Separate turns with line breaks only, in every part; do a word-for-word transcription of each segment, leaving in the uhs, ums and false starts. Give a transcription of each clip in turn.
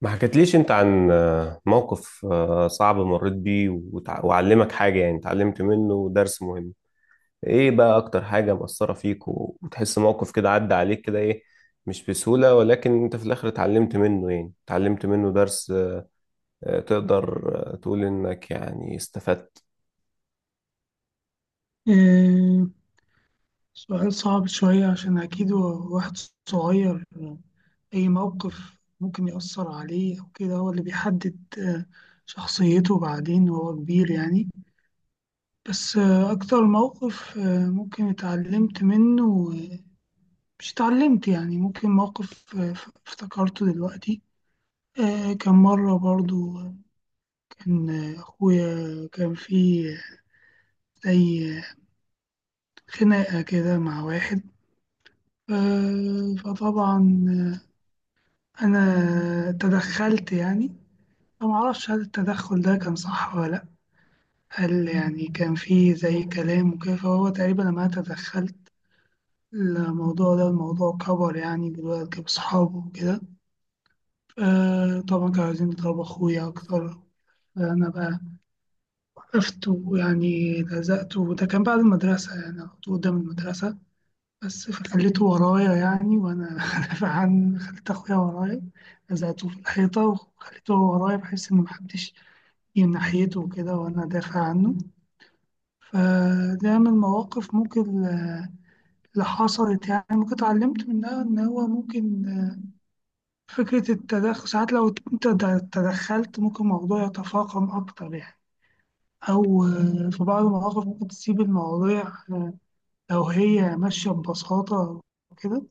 ما حكيتليش انت عن آه، موقف آه، صعب مريت بيه وتع- وعلمك حاجة، يعني اتعلمت منه درس مهم؟ ايه بقى اكتر حاجة مأثرة فيك، و- وتحس موقف كده عدى عليك كده، ايه؟ مش بسهولة، ولكن انت في الاخر اتعلمت منه، يعني اتعلمت منه درس. آه، تقدر آه، تقول انك يعني استفدت؟
إيه، سؤال صعب شوية عشان أكيد هو واحد صغير. أي موقف ممكن يأثر عليه أو كده، هو اللي بيحدد آه، شخصيته بعدين وهو كبير يعني. بس آه، أكتر موقف آه، ممكن اتعلمت منه، آه، مش اتعلمت، يعني ممكن موقف آه، ف- افتكرته دلوقتي. آه، كان مرة برضو آه، كان آه، أخويا كان في زي خناقة كده مع واحد. آه، فطبعا أنا تدخلت يعني. فما أعرفش هل التدخل ده كان صح ولا لأ، هل يعني كان فيه زي كلام وكده، فهو تقريبا لما أنا تدخلت الموضوع ده، الموضوع كبر يعني دلوقتي بصحابه وكده. آه، طبعا كانوا عايزين يضربوا أخويا أكتر، فأنا بقى وقفت، ويعني لزقته، وده كان بعد المدرسة يعني على طول قدام المدرسة بس، فخليته ورايا يعني، وأنا دافع عن خليت أخويا ورايا، لزقته في الحيطة وخليته هو ورايا بحيث إن محدش ناحيته كده وأنا دافع عنه. فده من المواقف ممكن آه، اللي حصلت، يعني ممكن اتعلمت منها إن هو ممكن، آه، فكرة التدخل ساعات لو أنت د- تدخلت ممكن الموضوع يتفاقم أكتر يعني. أو آه، في بعض المواقف ممكن تسيب المواضيع آه، لو هي ماشية ببساطة وكده،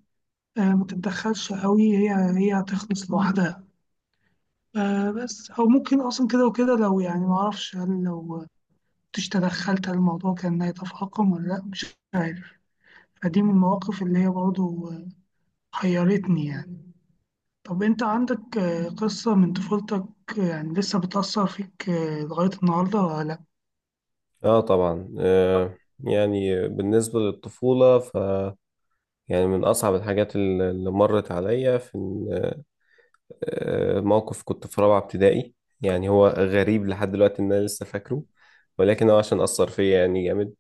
آه، ما تتدخلش قوي، هي هي هتخلص لوحدها آه، بس. أو ممكن أصلا كده وكده، لو يعني ما أعرفش هل لو كنتش تدخلت هل الموضوع كان هيتفاقم ولا لأ، مش عارف. فدي من المواقف اللي هي برضه حيرتني يعني. طب أنت عندك آه، قصة من طفولتك آه، يعني لسه بتأثر فيك آه، لغاية النهاردة ولا لأ؟
اه طبعا، آه، يعني بالنسبة للطفولة، ف يعني من أصعب الحاجات اللي اللي مرت عليا في آه، موقف كنت في رابعة ابتدائي. يعني هو غريب لحد دلوقتي إن أنا لسه فاكره، ولكن هو عشان أثر فيا يعني جامد.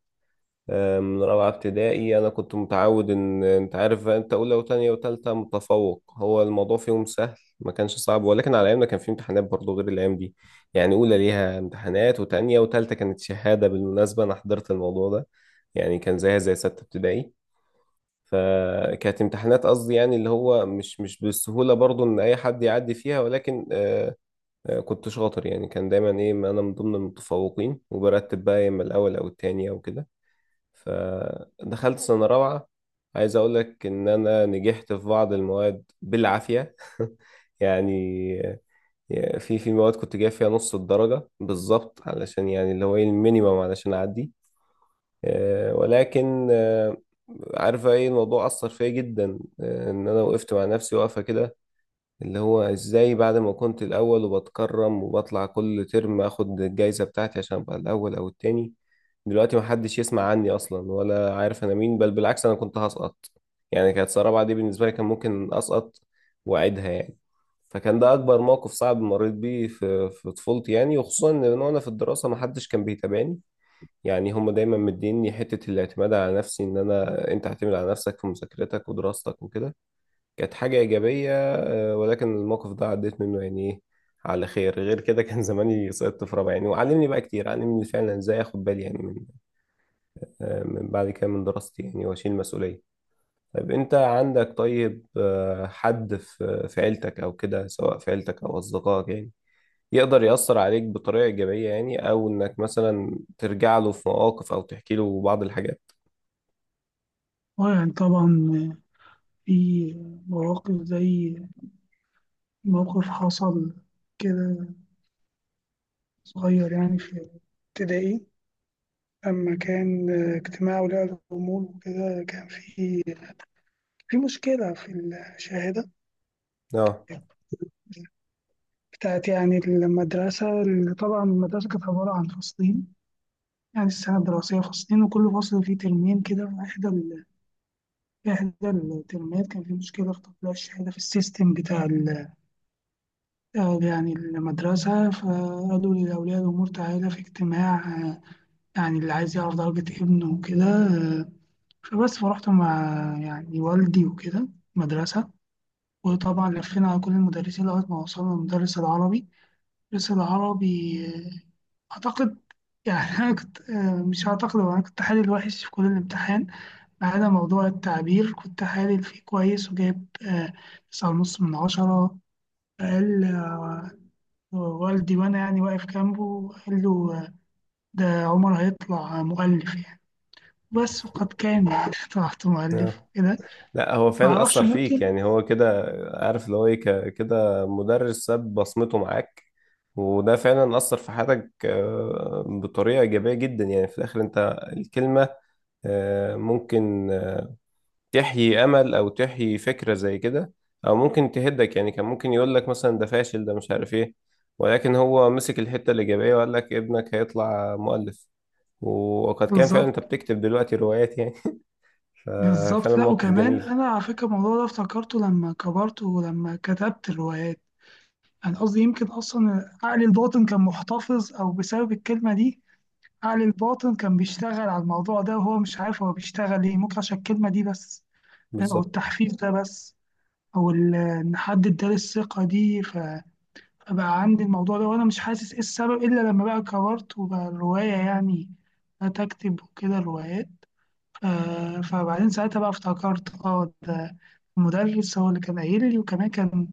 آه، من رابعة ابتدائي أنا كنت متعود، إن أنت عارف بقى، أنت أولى وتانية وتالتة متفوق، هو الموضوع فيهم سهل. ما كانش صعب، ولكن على أيامنا كان في امتحانات برضه غير الأيام دي. يعني أولى ليها امتحانات، وتانية وتالتة كانت شهادة، بالمناسبة أنا حضرت الموضوع ده. يعني كان زيها زي ستة ابتدائي. فكانت امتحانات، قصدي يعني اللي هو مش مش بالسهولة برضو ان اي حد يعدي فيها، ولكن آه، آه، كنت شاطر، يعني كان دايما ايه، ما انا من ضمن المتفوقين وبرتب بقى يا اما الاول او التاني او كده. فدخلت سنة رابعة، عايز اقول لك ان انا نجحت في بعض المواد بالعافية يعني. آه، في في مواد كنت جايب فيها نص الدرجة بالظبط، علشان يعني اللي هو ايه، المينيمم علشان اعدي. آه، ولكن آه، عارفة ايه الموضوع أثر فيا جدا، آه، إن أنا وقفت مع نفسي واقفة كده، اللي هو إزاي بعد ما كنت الأول وبتكرم وبطلع كل ترم آخد الجايزة بتاعتي عشان أبقى الأول أو التاني، دلوقتي محدش يسمع عني أصلا ولا عارف أنا مين، بل بالعكس أنا كنت هسقط. يعني كانت سنة رابعة دي بالنسبة لي كان ممكن أسقط وأعيدها يعني. فكان ده أكبر موقف صعب مريت بيه في في طفولتي، يعني وخصوصا إن أنا، وأنا في الدراسة محدش كان بيتابعني. يعني هم دايما مديني حتة الاعتماد على نفسي، ان انا، انت اعتمد على نفسك في مذاكرتك ودراستك وكده. كانت حاجة ايجابية، آه، ولكن الموقف ده عديت منه يعني ايه، على خير. غير كده كان زماني سقطت في رابعة يعني، وعلمني بقى كتير، علمني فعلا ازاي اخد بالي يعني من آه، من بعد كده من دراستي، يعني واشيل مسؤولية. طيب انت عندك، طيب آه، حد في في عيلتك او كده، سواء في عيلتك او اصدقائك، يعني يقدر يأثر عليك بطريقة إيجابية، يعني أو إنك مثلا ترجع له في مواقف أو تحكي له بعض الحاجات؟
آه، يعني طبعا، آه، في مواقف زي موقف حصل كده صغير يعني في ابتدائي. لما كان آه، اجتماع ولاء الأمور وكده، كان في في مشكلة في
اه،
الشهادة بتاعت يعني المدرسة. اللي طبعا المدرسة كانت عبارة عن فصلين، يعني السنة الدراسية فصلين، وكل فصل فيه ترمين كده. في إحدى ال- في إحدى الترمات كان في مشكلة في تطبيق الشهادة في السيستم بتاع ال- آه، يعني المدرسة. فقالوا لأولياء الأمور تعالى في اجتماع، آه، يعني اللي عايز يعرف درجة ابنه وكده. آه، فبس فرحت مع يعني والدي وكده مدرسة، وطبعا لفينا على كل المدرسين لغاية ما وصلنا لمدرس العربي. المدرس العربي آه، أعتقد يعني، أنا كنت آه، مش أعتقد، هو أنا كنت حالل وحش في كل الامتحان ما عدا موضوع التعبير، كنت حالل فيه كويس وجايب آه، تسعة ونص من عشرة. فقال آه، والدي وأنا يعني واقف جنبه، قال له آه، ده عمر هيطلع مؤلف يعني. بس وقد كان يعني، طلعت مؤلف
اه،
وكده.
لا هو فعلا
معرفش
اثر فيك
ممكن.
يعني، هو كده. عارف اللي هو ايه، ك- كده مدرس ساب بصمته معاك، وده فعلا اثر في حياتك آه، بطريقه ايجابيه جدا. يعني في الاخر انت، الكلمه آه، ممكن آه، تحيي امل او تحيي فكره زي كده، او ممكن تهدك. يعني كان ممكن يقول لك مثلا ده فاشل، ده مش عارف ايه، ولكن هو مسك الحته الايجابيه وقال لك ابنك هيطلع مؤلف، وقد كان فعلا،
بالظبط.
انت بتكتب دلوقتي روايات يعني. ففعلا
بالظبط، لا.
موقف
وكمان
جميل.
أنا على فكرة الموضوع ده افتكرته لما كبرت ولما كتبت الروايات. انا قصدي يمكن اصلا عقل الباطن كان محتفظ، او بسبب الكلمه دي عقل الباطن كان بيشتغل على الموضوع ده وهو مش عارف هو بيشتغل ايه، ممكن عشان الكلمه دي بس، فاهم؟ او
بالظبط.
التحفيز ده بس، او ال- ان حد اداني الثقه دي، ف- فبقى عندي الموضوع ده وانا مش حاسس ايه السبب، الا لما بقى كبرت وبقى الروايه يعني بدأت اكتب وكده روايات. آه، فبعدين ساعتها بقى افتكرت، اه ده المدرس هو اللي كان قايل لي. وكمان كان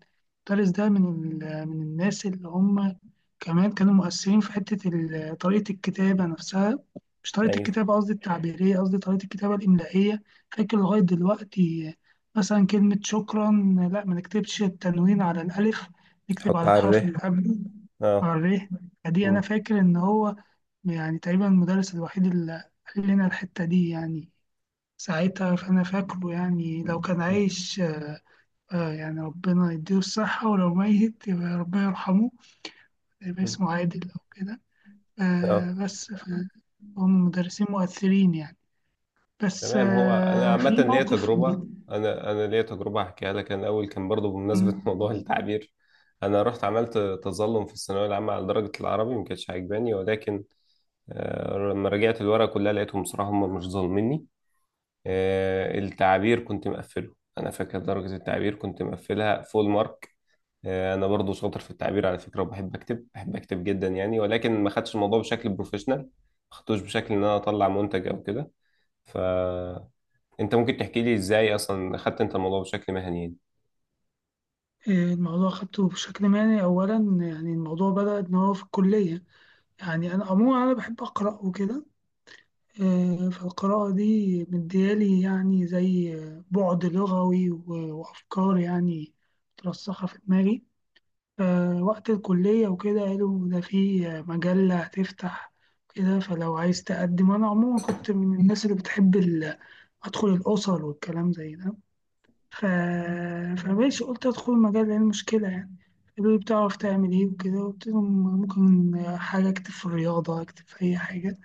المدرس ده من ال- من الناس اللي هم كمان كانوا مؤثرين في حتة ال- طريقة الكتابة نفسها. مش طريقة
ايوه،
الكتابة، قصدي التعبيرية، قصدي طريقة الكتابة الإملائية. فاكر لغاية دلوقتي، مثلا كلمة شكرا، لا ما نكتبش التنوين على الألف، نكتب
حط
على
على
الحرف
الره.
اللي قبله، على
اه.
الر. فدي أنا
مم.
فاكر إن هو يعني تقريبا المدرس الوحيد اللي قال لنا الحتة دي يعني ساعتها، فأنا فاكره يعني، لو كان عايش آه يعني ربنا يديله الصحة، ولو ميت يبقى ربنا يرحمه، يبقى
مم.
اسمه عادل أو كده.
اه،
آه بس ف- هم مدرسين مؤثرين يعني. بس
تمام. هو انا
آه
عامه
في
ليا
موقف
تجربه،
بت-
انا انا ليا تجربه هحكيها لك. انا الاول كان برضو بمناسبه موضوع
م-
التعبير. انا رحت عملت تظلم في الثانويه العامه على درجه العربي، ما كانتش عاجباني، ولكن آه، لما رجعت الورقه كلها لقيتهم بصراحه هم مش ظالميني. آه، التعبير كنت مقفله، انا فاكر درجه التعبير كنت مقفلها فول مارك. آه، انا برضو شاطر في التعبير على فكره، وبحب اكتب، بحب اكتب جدا يعني، ولكن ما خدتش الموضوع بشكل بروفيشنال، ما خدتوش بشكل ان انا اطلع منتج او كده. فانت ممكن تحكي لي ازاي اصلا خدت انت الموضوع بشكل مهني يعني؟
آه، الموضوع خدته بشكل مهني أولا. يعني الموضوع بدأ إن هو في الكلية، يعني أنا عموما أنا بحب أقرأ وكده. آه، فالقراءة دي مديالي يعني زي بعد لغوي، و- وأفكار يعني مترسخة في دماغي. آه، وقت الكلية وكده قالوا ده في مجلة هتفتح كده، فلو عايز تقدم. أنا عموما كنت من الناس اللي بتحب ال- أدخل الأسر والكلام زي ده. ف... فماشي قلت أدخل المجلة، إيه المشكلة يعني. قالوا لي بتعرف تعمل إيه وكده، قلت لهم ممكن حاجة أكتب في الرياضة، أكتب في أي حاجة،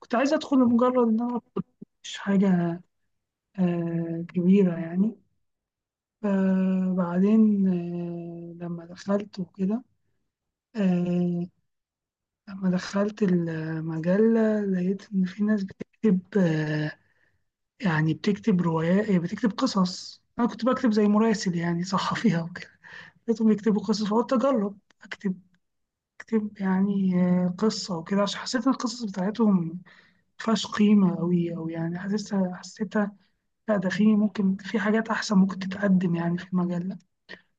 كنت عايز أدخل لمجرد إن أنا أدخل، مش حاجة آه، كبيرة يعني. فبعدين آه، لما دخلت وكده، آه، لما دخلت المجلة لقيت إن في ناس بتكتب، آه، يعني بتكتب روايات، بتكتب قصص. أنا كنت بكتب زي مراسل يعني صحفيها وكده. لقيتهم يكتبوا قصص فقلت أجرب أكتب، أكتب يعني آه، قصة وكده، عشان حسيت إن القصص بتاعتهم مفيهاش قيمة أوي، أو يعني حسيتها حسيتها لا، ده في ممكن في حاجات أحسن ممكن تتقدم يعني في المجلة.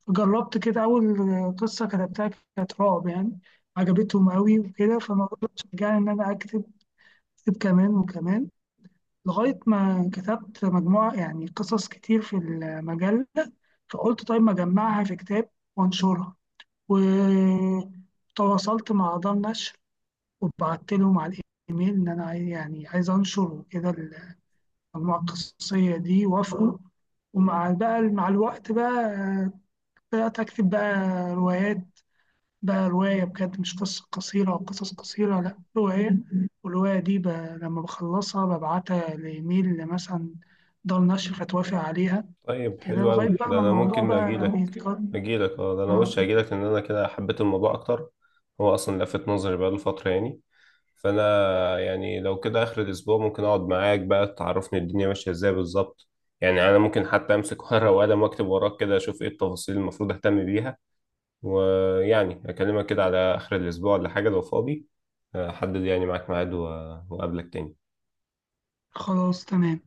جربت كده، أول قصة كتبتها كانت رعب يعني، عجبتهم أوي وكده. فالموضوع ده شجعني إن أنا أكتب، كتب كمان وكمان، لغاية ما كتبت مجموعة يعني قصص كتير في المجلة. فقلت طيب ما أجمعها في كتاب وأنشرها. وتواصلت مع دار نشر وبعت لهم على الإيميل إن أنا عايز يعني عايز أنشر وكده المجموعة القصصية دي. وافقوا، ومع بقى مع الوقت بقى بدأت أكتب بقى روايات. ده رواية بجد، مش قصة قصيرة أو قصص قصيرة، لأ رواية. والرواية دي ب... لما بخلصها ببعتها لإيميل مثلا دار نشر فتوافق عليها
طيب،
كده،
حلو
لغاية
أوي
بقى
ده،
ما
أنا
الموضوع
ممكن
بقى
أجيلك
بيتكرر.
أجيلك أه، ده أنا وش
آه،
أجيلك، لأن أنا كده حبيت الموضوع أكتر. هو أصلا لفت نظري بقاله فترة يعني. فانا يعني لو كده اخر الاسبوع ممكن اقعد معاك بقى تعرفني الدنيا ماشيه ازاي بالظبط. يعني انا ممكن حتى امسك ورقه وقلم واكتب وراك كده، اشوف ايه التفاصيل المفروض اهتم بيها. ويعني اكلمك كده على اخر الاسبوع ولا حاجه، لو فاضي احدد يعني معاك ميعاد و- واقابلك تاني.
خلاص تمام.